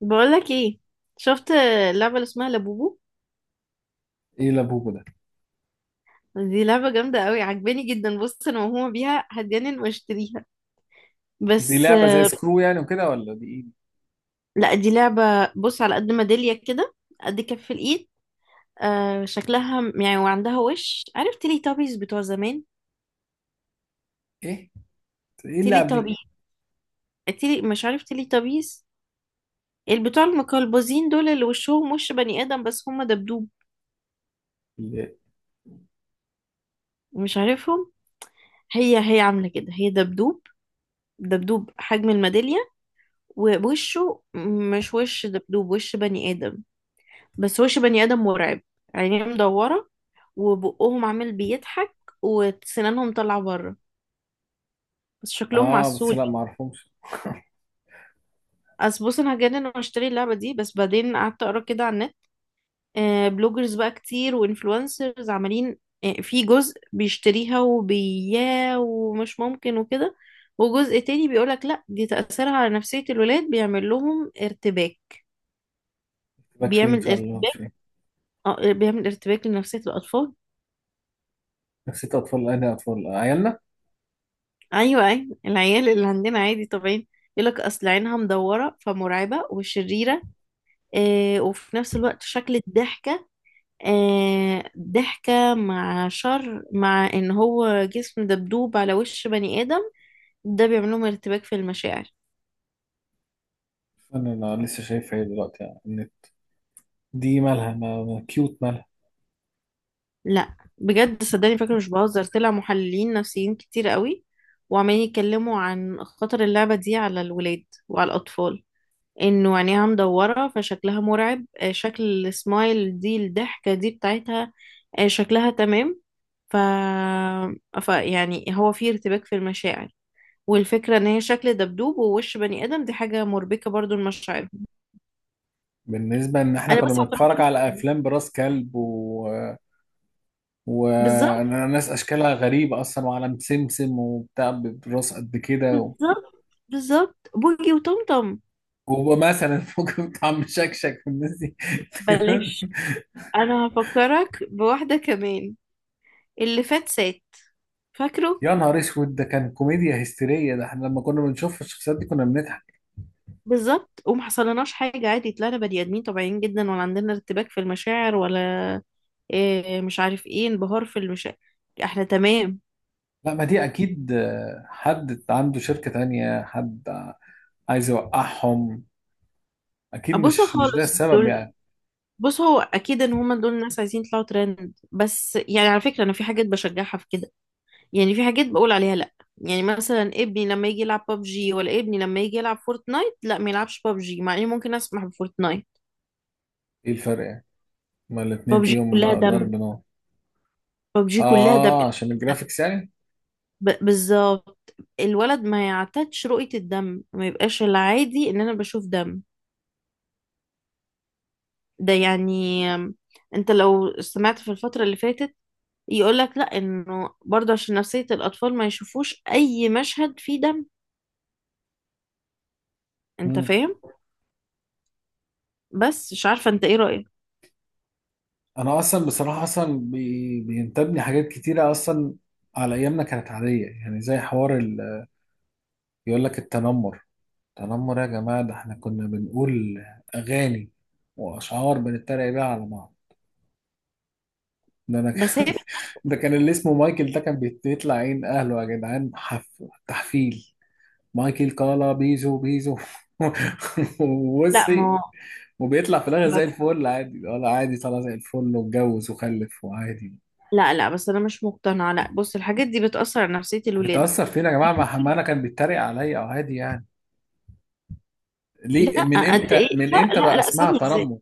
بقولك ايه؟ شفت اللعبة اللي اسمها لابوبو؟ ايه لابوبو ده؟ دي لعبة جامدة قوي، عجباني جدا. بص، انا موهومة بيها، هتجنن واشتريها. دي بس لعبة زي سكرو يعني وكده ولا دي لا، دي لعبة. بص، على قد ميدالية كده، قد كف الايد. آه شكلها يعني، وعندها وش. عارف تيلي تابيز بتوع زمان؟ ايه ايه؟ ايه تيلي اللعبة دي؟ تابي، تيلي، مش عارف تيلي تابيز، البتوع المقلبزين دول اللي وشهم وش بني ادم بس هم دبدوب. اللي- مش عارفهم؟ هي هي عاملة كده، هي دبدوب. دبدوب حجم الميدالية، ووشه مش وش دبدوب، وش بني آدم. بس وش بني آدم مرعب، عينيه مدورة، وبقهم عامل بيضحك وسنانهم طالعة بره، بس شكلهم اه بس عسول. لا ما اعرفهمش. أصل بص، أنا هجنن وأشتري اللعبة دي. بس بعدين قعدت أقرأ كده على النت. بلوجرز بقى كتير، وإنفلونسرز عمالين. في جزء بيشتريها وبياه ومش ممكن وكده، وجزء تاني بيقولك لأ، دي تأثيرها على نفسية الولاد، بيعمل لهم ارتباك. بك فين ان بيعمل شاء الله مش فين. ارتباك، اه بيعمل ارتباك لنفسية الأطفال. نسيت اطفال، انا اطفال عيالنا. ايوه ايوه، العيال اللي عندنا عادي طبيعي. يقولك اصل عينها مدوره فمرعبه وشريره. آه وفي نفس الوقت شكل الضحكه، آه ضحكه مع شر، مع ان هو جسم دبدوب على وش بني ادم، ده بيعمل لهم ارتباك في المشاعر. انا لسه شايفها دلوقتي، يعني إن دي مالها؟ ما كيوت، مالها؟ لا بجد، صدقني، فاكره مش بهزر، طلع محللين نفسيين كتير قوي، وعمالين يتكلموا عن خطر اللعبه دي على الولاد وعلى الاطفال. انه عينيها مدورة فشكلها مرعب. شكل السمايل دي، الضحكة دي بتاعتها، شكلها تمام. ف... ف يعني هو في ارتباك في المشاعر، والفكرة ان هي شكل دبدوب ووش بني ادم، دي حاجة مربكة برضو لمشاعرهم. بالنسبة ان احنا انا كنا بس اعترضت بنتفرج على جداً. افلام براس كلب، و بالظبط، وناس اشكالها غريبه اصلا، وعلم سمسم وبتاع براس قد كده بالظبط، بالظبط، بوجي وطمطم. ومثلا ممكن طعم شكشك في الناس دي. بلاش، انا هفكرك بواحدة كمان، اللي فات سات، فاكره؟ يا نهار اسود، ده كان كوميديا هستيريه، ده احنا لما كنا بنشوف الشخصيات دي كنا بنضحك. بالظبط، وما حصلناش حاجة، عادي طلعنا بني آدمين طبيعيين جدا، ولا عندنا ارتباك في المشاعر ولا إيه، مش عارف ايه، انبهار في المشاعر، احنا تمام. لا، ما دي اكيد حد عنده شركه تانية، حد عايز يوقعهم. اكيد بصوا مش ده خالص السبب دول. يعني. بص، هو اكيد ان هما دول الناس عايزين يطلعوا ترند. بس يعني على فكرة، انا في حاجات بشجعها في كده، يعني في حاجات بقول عليها لا. يعني مثلا ابني لما يجي يلعب ببجي، ولا ابني لما يجي يلعب فورتنايت، لا ما يلعبش ببجي، مع اني ممكن اسمح بفورتنايت. ايه الفرق يعني؟ ما الاتنين ببجي فيهم كلها ضرب دم، نار. ببجي كلها دم. اه، عشان الجرافيكس بالظبط. الولد ما يعتادش رؤية الدم، ما يبقاش العادي ان انا بشوف دم. ده يعني انت لو سمعت في الفترة اللي فاتت، يقولك لا انه برضه عشان نفسية الاطفال ما يشوفوش اي مشهد فيه دم. انت يعني. فاهم؟ بس مش عارفة انت ايه رأيك. انا اصلا بصراحه، اصلا بينتابني حاجات كتيره اصلا على ايامنا كانت عاديه، يعني زي حوار يقول لك التنمر. التنمر يا جماعه، ده احنا كنا بنقول اغاني واشعار بنتريق بيها على بعض. ده انا بس هي، كان ده كان اللي اسمه مايكل، ده كان بيطلع عين اهله يا جدعان، تحفيل. مايكل كالا بيزو بيزو. لا وبصي، ما هو، وبيطلع في الاخر زي بس- الفل عادي. ولا عادي؟ طلع زي الفل واتجوز وخلف وعادي. لا لا، بس انا مش مقتنعة. لا بص، الحاجات دي بتأثر على نفسية الولاد. بتأثر فينا يا جماعة؟ ما حمانا كان بيتريق عليا أو هادي يعني. ليه لا من قد ايه، إمتى؟ من لا إمتى لا بقى لا، اسمها ثانية، تنمر؟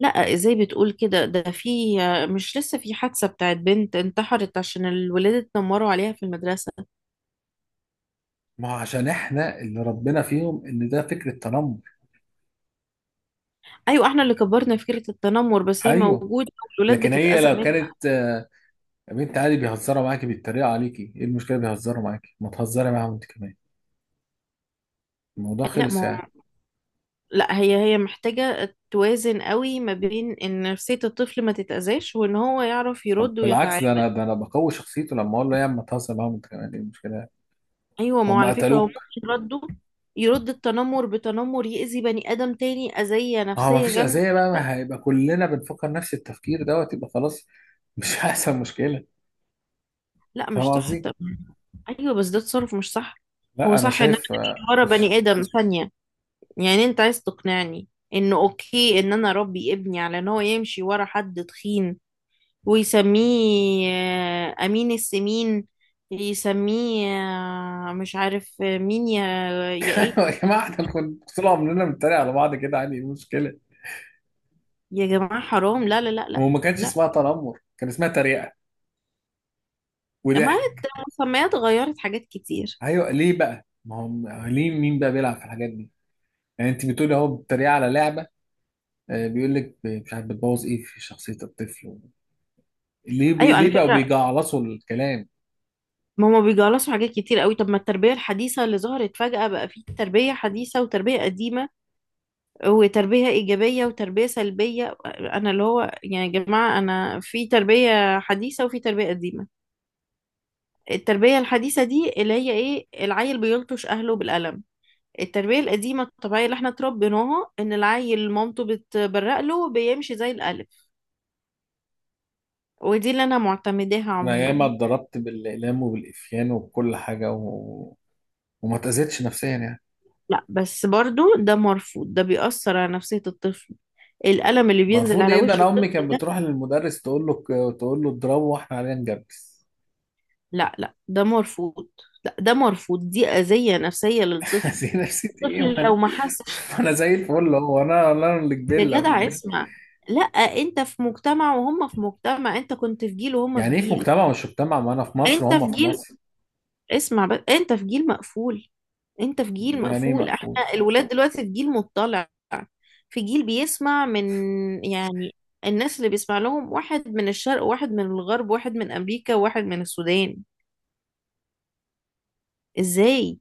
لا ازاي بتقول كده؟ ده في، مش لسه في حادثة بتاعت بنت انتحرت عشان الولاد اتنمروا عليها في المدرسة؟ ما هو عشان إحنا اللي ربنا فيهم إن ده فكرة تنمر. ايوه احنا اللي كبرنا فكرة التنمر، بس هي أيوه. موجودة والولاد لكن هي بتتأذى لو منها. كانت يا بنت عادي، بيهزروا معاكي، بيتريقوا عليكي، إيه المشكلة؟ بيهزروا معاكي، ما تهزري معاهم أنت كمان. الموضوع لا ما خلص يعني. هو، لا، هي هي محتاجة توازن قوي ما بين ان نفسية الطفل ما تتأذاش، وان هو يعرف طب يرد بالعكس، ده أنا ويتعامل. ده أنا بقوي شخصيته لما أقول له يا عم تهزر معاهم أنت كمان، إيه المشكلة؟ ايوه، ما هو هم على فكرة هو قتلوك؟ ممكن رده يرد التنمر بتنمر، يأذي بني آدم تاني أذية ما هو ما نفسية فيش جامدة أذية بقى، جدا. ما هيبقى كلنا بنفكر نفس التفكير دوت، يبقى خلاص. مش هيحصل مشكلة. لا فاهم مش صح قصدي؟ طبعا. ايوه بس ده تصرف مش صح. هو لا انا صح ان انا شايف امشي آه، ورا مش... بني ادم ثانيه؟ يعني انت عايز تقنعني انه اوكي ان انا اربي ابني على ان هو يمشي ورا حد تخين ويسميه امين السمين، يسميه مش عارف مين، يا يا ايه؟ يا جماعه، احنا كنا طول عمرنا بنتريق على بعض كده عادي، ايه المشكله؟ يا جماعه حرام، لا لا لا لا هو ما كانش لا. اسمها تنمر، كان اسمها تريقه لما وضحك. المسميات غيرت حاجات كتير. ايوه ليه بقى؟ ما هو ليه مين بقى بيلعب في الحاجات دي؟ يعني انت بتقولي اهو بتتريق على لعبه، بيقول لك مش عارف بتبوظ ايه في شخصيه الطفل. ليه ايوه على ليه بقوا فكره، بيجعلصوا الكلام؟ ما هما بيجلصوا حاجات كتير قوي. طب ما التربيه الحديثه اللي ظهرت فجاه، بقى في تربيه حديثه وتربيه قديمه، وتربية إيجابية وتربية سلبية. أنا اللي هو يعني يا جماعة، أنا في تربية حديثة وفي تربية قديمة. التربية الحديثة دي اللي هي إيه؟ العيل بيلطش أهله بالقلم. التربية القديمة الطبيعية اللي احنا اتربيناها، إن العيل مامته بتبرق له بيمشي زي الألف، ودي اللي أنا معتمداها انا ياما عموما. اتضربت بالاقلام وبالافيان وبكل حاجه وما اتاذيتش نفسيا يعني. لا بس برضو ده مرفوض، ده بيأثر على نفسية الطفل، القلم اللي بينزل المفروض على ايه؟ ده وش انا الطفل امي كانت ده. بتروح للمدرس تقول له، تقول له اضربه، واحنا علينا نجبس. لا لا، ده مرفوض. لا ده مرفوض، دي أذية نفسية للطفل. هذه نفسي ايه؟ الطفل ما لو انا، ما حسش، ما انا زي الفل. هو انا اللي كبيرة يا ولا جدع ايه؟ اسمع. لا، انت في مجتمع وهم في مجتمع، انت كنت في جيل وهم في يعني ايه في جيل. مجتمع مش مجتمع؟ ما انا في مصر انت وهم في في جيل، مصر. اسمع بس، انت في جيل مقفول، انت في جيل يعني ايه مقفول، احنا مقفول؟ الولاد دلوقتي في جيل مطلع، في جيل بيسمع من، يعني الناس اللي بيسمع لهم، واحد من الشرق واحد من الغرب واحد من امريكا واحد من السودان. ازاي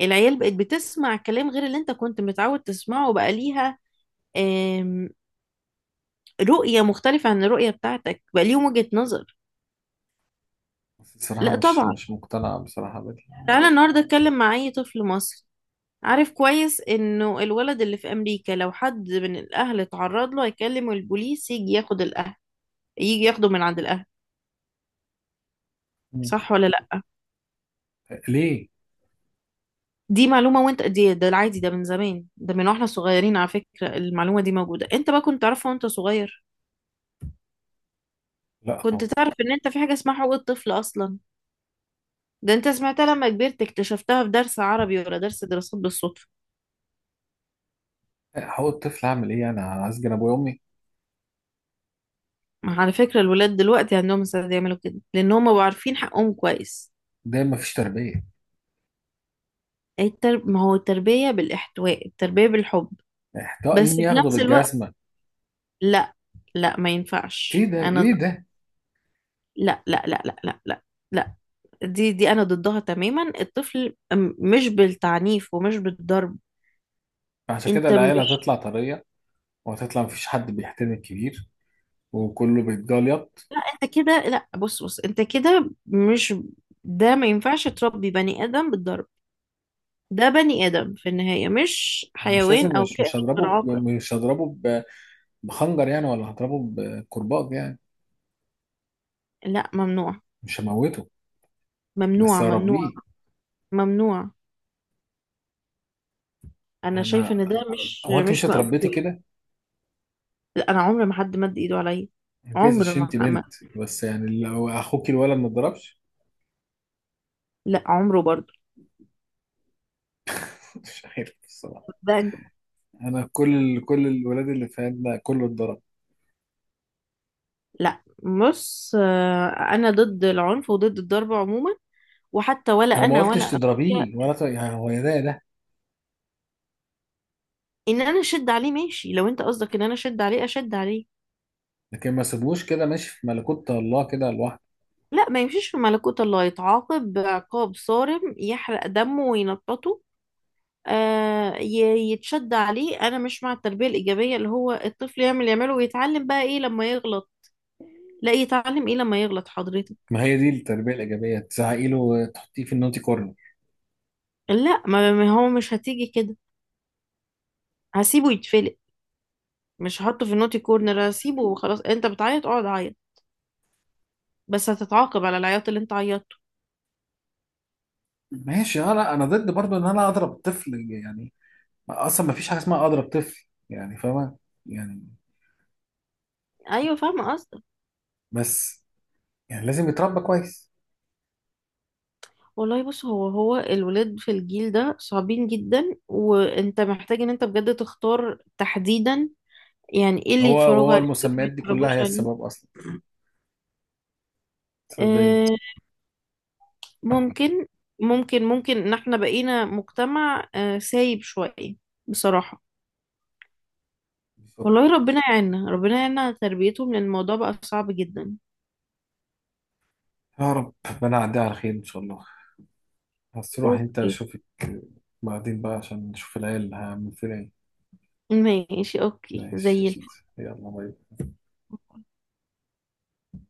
العيال بقت بتسمع كلام غير اللي انت كنت متعود تسمعه؟ بقى ليها رؤية مختلفة عن الرؤية بتاعتك، بقى ليهم وجهة نظر. بصراحة لا مش طبعا. مش مقتنع بصراحة بدي. تعالى النهاردة اتكلم مع أي طفل مصري. عارف كويس انه الولد اللي في امريكا لو حد من الاهل اتعرض له، هيكلم البوليس يجي ياخد الاهل، يجي ياخده من عند الاهل. مم. صح ولا لا؟ ليه؟ دي معلومة، وانت دي، ده العادي، ده من زمان، ده من واحنا صغيرين، على فكرة المعلومة دي موجودة. انت بقى كنت تعرفها وانت صغير؟ لا كنت طبعا. تعرف ان انت في حاجة اسمها حقوق الطفل اصلا؟ ده انت سمعتها لما كبرت، اكتشفتها في درس عربي ولا درس دراسات بالصدفة. هو الطفل اعمل ايه؟ انا هسجن ابويا وامي؟ على فكرة الولاد دلوقتي عندهم استعداد يعملوا كده، لأن هم بقوا عارفين حقهم كويس. ده مفيش تربية. ما هو التربية بالإحتواء، التربية بالحب. احتواء؟ بس مين في ياخده نفس الوقت، بالجزمة؟ لا، لا ما ايه ينفعش، ده؟ أنا ايه ده؟ لا لا لا لا لا لا. لا دي دي أنا ضدها تماما. الطفل مش بالتعنيف ومش بالضرب. عشان كده أنت العيال مش، هتطلع طرية، وهتطلع مفيش حد بيحترم الكبير، وكله بيتجليط. أنت كده، لا بص بص، أنت كده مش، ده ما ينفعش تربي بني آدم بالضرب. ده بني آدم في النهاية، مش انا مش حيوان لازم، أو مش كائن مش غير هضربه عاقل. مش هضربه بخنجر يعني، ولا هضربه بكرباج يعني. لا ممنوع، مش هموته، بس ممنوع ممنوع هربيه. ممنوع. انا انا، شايفه ان ده مش هو انت مش مش اتربيتي مقبول. كده؟ لا انا عمري ما حد مد ايده عليا. أنا جايز عمر عشان ما انت بنت. بس يعني لو اخوك الولد ما اتضربش؟ لا عمره برضه. مش عارف الصراحه. ده انا كل الولاد اللي في عندنا كله اتضرب. لا بص، انا ضد العنف وضد الضرب عموما، وحتى ولا انا ما انا ولا قلتش تضربيه اخويا. ولا ت... يعني هو يا ده يا ده. ان انا اشد عليه ماشي، لو انت قصدك ان انا اشد عليه، اشد عليه. لكن ما سيبوش كده ماشي في ملكوت الله كده لوحده. لا ما يمشيش في ملكوت الله، يتعاقب عقاب صارم، يحرق دمه وينططه. يتشد عليه. انا مش مع التربيه الايجابيه اللي هو الطفل يعمل يعمله، ويتعلم بقى ايه لما يغلط؟ لا يتعلم ايه لما يغلط حضرتك؟ ما هي دي التربيه الايجابيه، تزعقي له، تحطيه في النوتي كورنر. لا، ما ما هو مش هتيجي كده، هسيبه يتفلق. مش هحطه في النوتي كورنر، هسيبه وخلاص. انت بتعيط؟ اقعد عيط، بس هتتعاقب على العياط اللي انت عيطته. ماشي، انا ضد برضه ان انا اضرب الطفل يعني، اصلا ما فيش حاجه اسمها اضرب طفل، يعني فاهمه يعني؟ ايوه فاهمه قصدك. بس يعني لازم يتربى كويس. والله بص، هو هو الولاد في الجيل ده صعبين جدا، وانت محتاج ان انت بجد تختار تحديدا يعني ايه اللي هو يتفرجوا هو عليه، ايه اللي ما المسميات دي كلها يتفرجوش هي عليه. السبب اصلا، صدقيني. آه، ممكن، ممكن ممكن ان احنا بقينا مجتمع سايب شوية، بصراحة. بالظبط. والله ربنا يعيننا، ربنا يعيننا على تربيتهم، لان الموضوع بقى صعب جدا. يا رب ربنا يعديها على خير ان شاء الله. بس روح انت اوكي، اشوفك بعدين بقى، عشان نشوف العيال هعمل فيها ايه. ماشي اوكي ماشي زي قشطة. الفل. يلا باي.